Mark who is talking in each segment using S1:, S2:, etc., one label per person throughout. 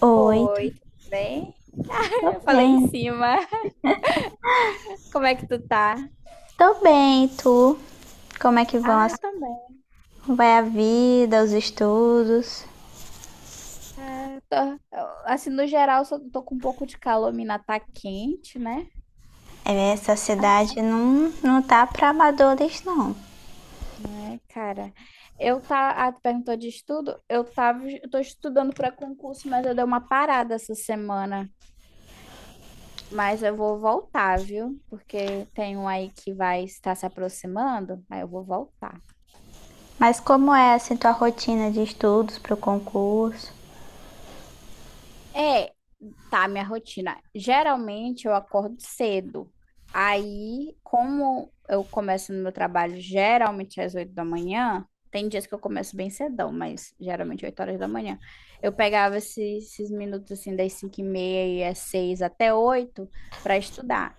S1: Oi,
S2: Oi, tudo bem?
S1: tô
S2: Eu falei em
S1: bem.
S2: cima. Como é que tu tá?
S1: Tô bem, e tu? Como é que vão
S2: Ah,
S1: as...
S2: eu também.
S1: vai a vida, os estudos?
S2: Ah, tô, assim, no geral, só tô com um pouco de calor, mina tá quente, né?
S1: É, essa
S2: Ah,
S1: cidade não tá pra amadores, não.
S2: né, cara? Tu perguntou de estudo? Eu tô estudando para concurso, mas eu dei uma parada essa semana. Mas eu vou voltar, viu? Porque tem um aí que vai estar se aproximando, aí eu vou voltar.
S1: Mas como é, assim, tua rotina de estudos pro concurso?
S2: É, tá, minha rotina. Geralmente eu acordo cedo. Aí, como eu começo no meu trabalho geralmente às 8 da manhã, tem dias que eu começo bem cedão, mas geralmente 8 horas da manhã. Eu pegava esses minutos assim, das 5h30 e às 6 até 8 para estudar.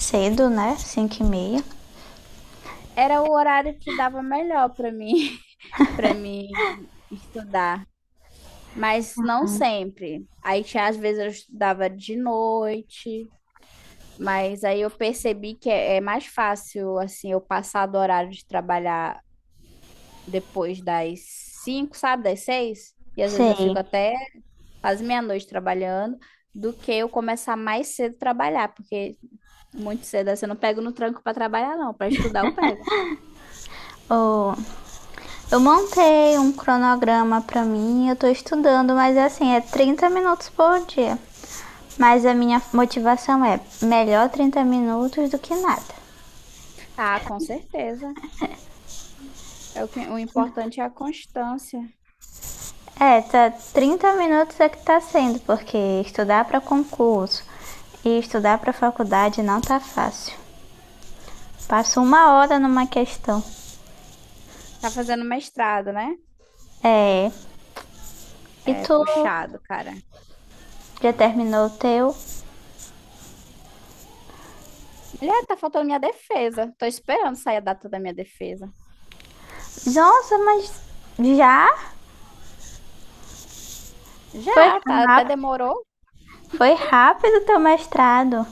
S1: Cedo, né? 5h30.
S2: Era o horário que dava melhor para mim, para mim estudar. Mas não sempre. Aí, às vezes, eu estudava de noite. Mas aí eu percebi que é mais fácil, assim, eu passar do horário de trabalhar depois das 5, sabe, das 6. E às vezes eu
S1: Sei.
S2: fico até quase meia-noite trabalhando, do que eu começar mais cedo a trabalhar, porque muito cedo assim, eu não pego no tranco para trabalhar, não. Para estudar eu pego.
S1: Oh, eu montei um cronograma pra mim, eu tô estudando, mas assim, é 30 minutos por dia. Mas a minha motivação é melhor 30 minutos do que nada.
S2: Ah, com certeza. O importante é a constância.
S1: É, tá, 30 minutos é que tá sendo, porque estudar para concurso e estudar para faculdade não tá fácil. Passo 1 hora numa questão.
S2: Tá fazendo mestrado, né?
S1: É. E
S2: É
S1: tu
S2: puxado, cara.
S1: já terminou o teu?
S2: Mulher, tá faltando minha defesa. Tô esperando sair a data da minha defesa.
S1: Nossa, mas já? Foi
S2: Já, tá, até
S1: rápido.
S2: demorou.
S1: Foi rápido teu mestrado.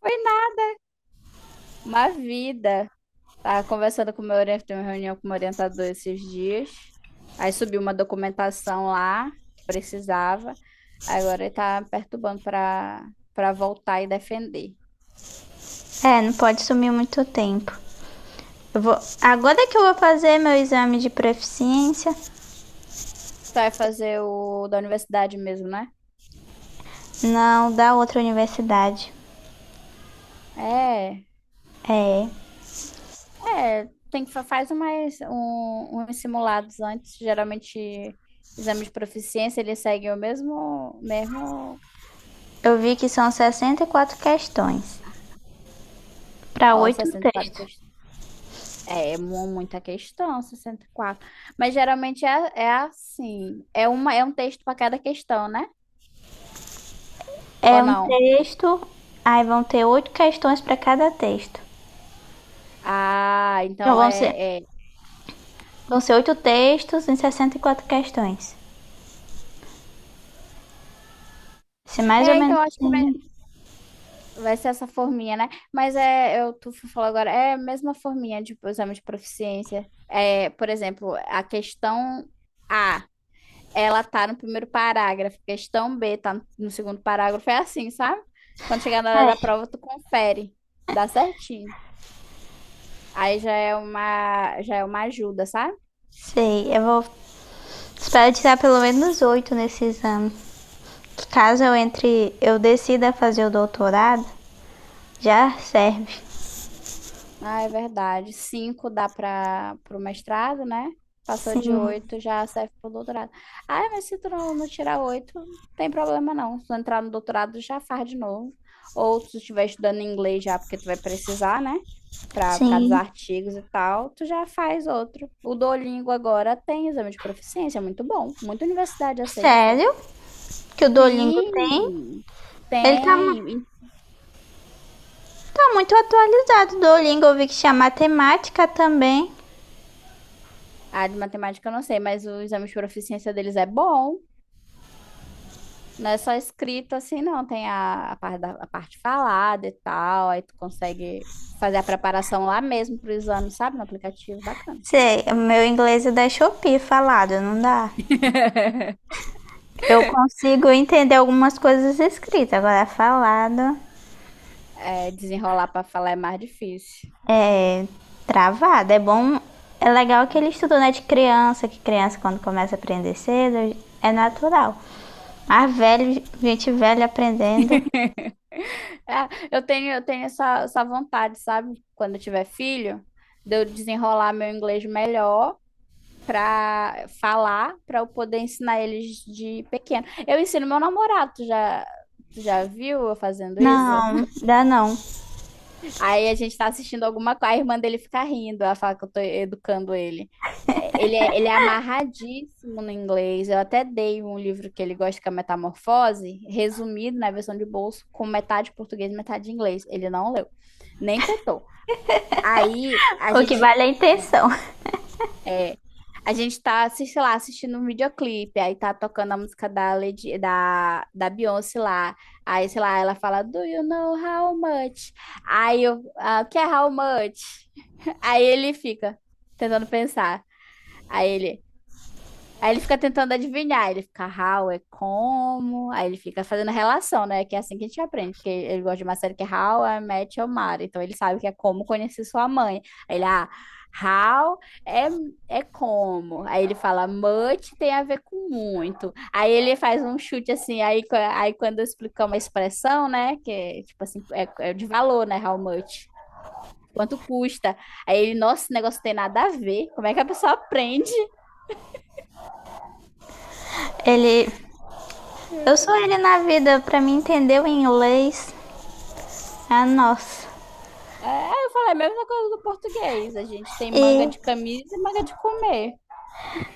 S2: Foi na- uma vida. Tava conversando com o meu orientador, tem uma reunião com o meu orientador esses dias. Aí subiu uma documentação lá que precisava. Agora ele tá me perturbando para voltar e defender.
S1: É, não pode sumir muito tempo. Eu vou, agora que eu vou fazer meu exame de proficiência,
S2: Tu vai fazer o da universidade mesmo, né?
S1: não, da outra universidade.
S2: É,
S1: É,
S2: é, tem que faz uns simulados antes, geralmente exame de proficiência, ele segue o mesmo mesmo,
S1: eu vi que são 64 questões para
S2: ó,
S1: oito
S2: 64.
S1: textos.
S2: É muita questão, 64. Mas geralmente é assim. É um texto para cada questão, né? Ou
S1: É um
S2: não?
S1: texto, aí vão ter 8 questões para cada texto.
S2: Ah,
S1: Então
S2: então
S1: vão ser,
S2: é.
S1: vão ser 8 textos em 64 questões. Se mais ou
S2: É, então
S1: menos
S2: acho que
S1: assim.
S2: vai ser essa forminha, né? Mas é, eu tu falou agora, é a mesma forminha de exame de proficiência. É, por exemplo, a questão A, ela tá no primeiro parágrafo, questão B tá no segundo parágrafo, é assim, sabe? Quando chegar na hora da
S1: É,
S2: prova, tu confere. Dá certinho. Aí já é uma ajuda, sabe?
S1: sei, eu vou. Espero tirar pelo menos oito nesse exame. Caso eu entre, eu decida fazer o doutorado, já serve.
S2: Ah, é verdade. Cinco dá para o mestrado, né? Passou de oito, já serve para o doutorado. Ah, mas se tu não tirar oito, tem problema não. Se tu entrar no doutorado, já faz de novo. Ou se tu estiver estudando inglês já, porque tu vai precisar, né? Por causa dos
S1: Sim.
S2: artigos e tal, tu já faz outro. O Duolingo agora tem exame de proficiência, é muito bom. Muita universidade aceita.
S1: Sério? Que o Duolingo tem?
S2: Sim,
S1: Ele tá,
S2: tem.
S1: tá muito atualizado. O Duolingo eu vi que tinha matemática também.
S2: A de matemática eu não sei, mas o exame de proficiência deles é bom. Não é só escrito assim, não. Tem a parte falada e tal. Aí tu consegue fazer a preparação lá mesmo pro exame, sabe? No aplicativo, bacana.
S1: Sei, o meu inglês é da Shopee falado, não dá. Eu consigo entender algumas coisas escritas, agora é falado,
S2: É, desenrolar para falar é mais difícil.
S1: é travado. É bom, é legal que ele estudou, né, de criança, que criança quando começa a aprender cedo é natural. Mas velho, gente velha aprendendo,
S2: É, eu tenho essa vontade, sabe? Quando eu tiver filho, de eu desenrolar meu inglês melhor para falar, para eu poder ensinar eles de pequeno. Eu ensino meu namorado, tu já viu eu fazendo isso?
S1: não, dá não.
S2: Aí a gente tá assistindo alguma coisa, a irmã dele fica rindo, ela fala que eu tô educando ele. É, ele é amarradíssimo no inglês. Eu até dei um livro que ele gosta, que é Metamorfose, resumido na versão de bolso, com metade português e metade inglês. Ele não leu, nem tentou. Aí a
S1: O que
S2: gente
S1: vale é a
S2: é,
S1: intenção.
S2: É. A gente tá, sei lá, assistindo um videoclipe, aí tá tocando a música da Beyoncé lá. Aí, sei lá, ela fala, Do you know how much? Aí, o que é how much? Aí ele fica tentando pensar. Aí ele, Aí ele fica tentando adivinhar, ele fica how é como, aí ele fica fazendo relação, né? Que é assim que a gente aprende, porque ele gosta de uma série que é How I Met Your Mother, então ele sabe que é como conhecer sua mãe. Aí ele, how é, é como. Aí ele fala much tem a ver com muito. Aí ele faz um chute assim, aí quando eu explicar uma expressão, né? Que é tipo assim, é de valor, né? How much. Quanto custa? Aí ele, nossa, esse negócio não tem nada a ver. Como é que a pessoa aprende?
S1: Ele, eu sou ele na vida, pra mim entender o inglês, ah, nossa.
S2: É, eu falei a mesma coisa do português. A gente tem manga
S1: E
S2: de camisa e manga de comer.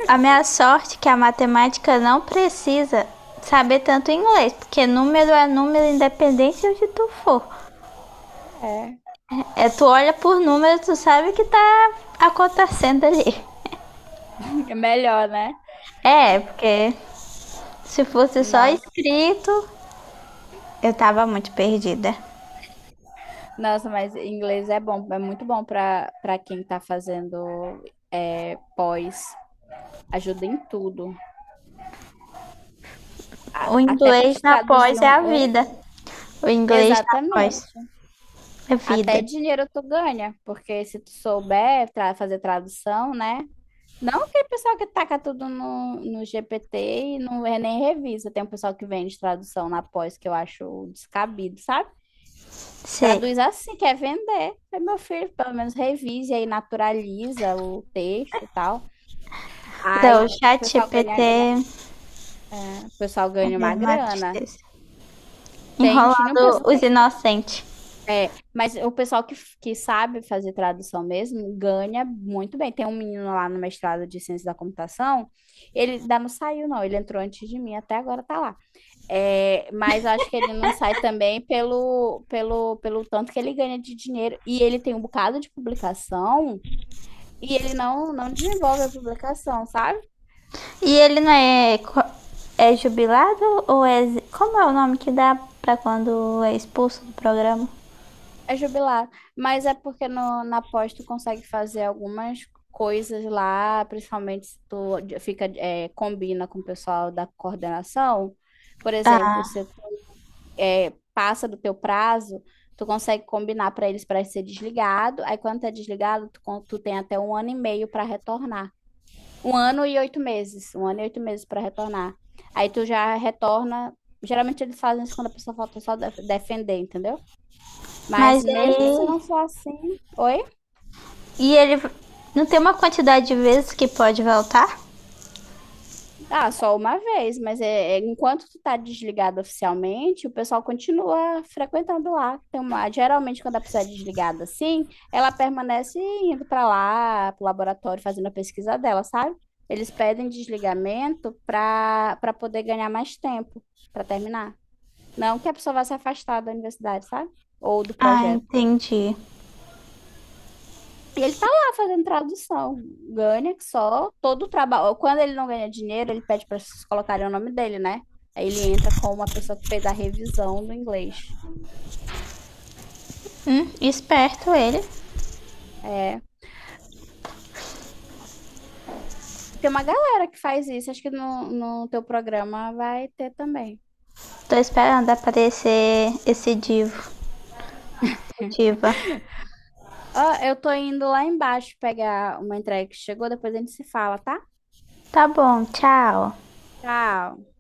S1: a minha sorte é que a matemática não precisa saber tanto inglês, porque número é número independente de onde tu for.
S2: É,
S1: É, tu olha por número, tu sabe o que tá acontecendo ali.
S2: é melhor, né?
S1: É, porque se fosse só
S2: Nossa,
S1: escrito, eu tava muito perdida.
S2: nossa, mas inglês é bom, é muito bom para quem tá fazendo pós. Ajuda em tudo.
S1: O
S2: Até para
S1: inglês
S2: te
S1: na
S2: traduzir
S1: pós é
S2: um.
S1: a
S2: Oi?
S1: vida. O inglês na pós
S2: Exatamente.
S1: é vida.
S2: Até dinheiro tu ganha, porque se tu souber fazer tradução, né? Não aquele pessoal que taca tudo no GPT e não é nem revisa. Tem um pessoal que vende tradução na pós que eu acho descabido, sabe?
S1: Sei.
S2: Traduz assim, quer vender. Aí, meu filho, pelo menos revise aí, naturaliza o texto e tal. Aí
S1: Então, o
S2: o
S1: chat
S2: pessoal
S1: GPT
S2: ganha,
S1: é
S2: é, o pessoal ganha uma
S1: uma
S2: grana.
S1: tristeza.
S2: Tinha um
S1: Enrolando
S2: pessoal.
S1: os
S2: Tem,
S1: inocentes.
S2: é, mas o pessoal que sabe fazer tradução mesmo ganha muito bem. Tem um menino lá no mestrado de ciência da computação. Ele ainda não saiu, não. Ele entrou antes de mim, até agora tá lá. É, mas eu acho que ele não sai também pelo tanto que ele ganha de dinheiro. E ele tem um bocado de publicação e ele não desenvolve a publicação, sabe?
S1: E ele não é, é jubilado ou é. Como é o nome que dá pra quando é expulso do programa?
S2: É jubilado. Mas é porque no, na pós tu consegue fazer algumas coisas lá, principalmente se tu combina com o pessoal da coordenação. Por exemplo,
S1: Ah,
S2: se passa do teu prazo, tu consegue combinar para eles para ser desligado. Aí quando tá desligado, tu tem até um ano e meio para retornar. Um ano e 8 meses, um ano e 8 meses para retornar. Aí tu já retorna. Geralmente eles fazem isso quando a pessoa falta só defender, entendeu? Mas
S1: mas
S2: mesmo se
S1: aí.
S2: não for assim, oi?
S1: E ele não tem uma quantidade de vezes que pode voltar?
S2: Ah, só uma vez, mas enquanto tu tá desligado oficialmente, o pessoal continua frequentando lá. Geralmente, quando a pessoa é desligada assim, ela permanece indo para lá, pro laboratório, fazendo a pesquisa dela, sabe? Eles pedem desligamento para poder ganhar mais tempo para terminar. Não que a pessoa vá se afastar da universidade, sabe? Ou do
S1: Ah,
S2: projeto.
S1: entendi.
S2: E ele tá lá fazendo tradução. Ganha que só todo o trabalho. Quando ele não ganha dinheiro, ele pede para vocês colocarem o nome dele, né? Aí ele entra como uma pessoa que fez a revisão do inglês.
S1: Esperto ele.
S2: É. E tem uma galera que faz isso. Acho que no teu programa vai ter também.
S1: Tô esperando aparecer esse divo. Diva.
S2: Ó, eu tô indo lá embaixo pegar uma entrega que chegou, depois a gente se fala, tá?
S1: Tá bom, tchau.
S2: Tchau.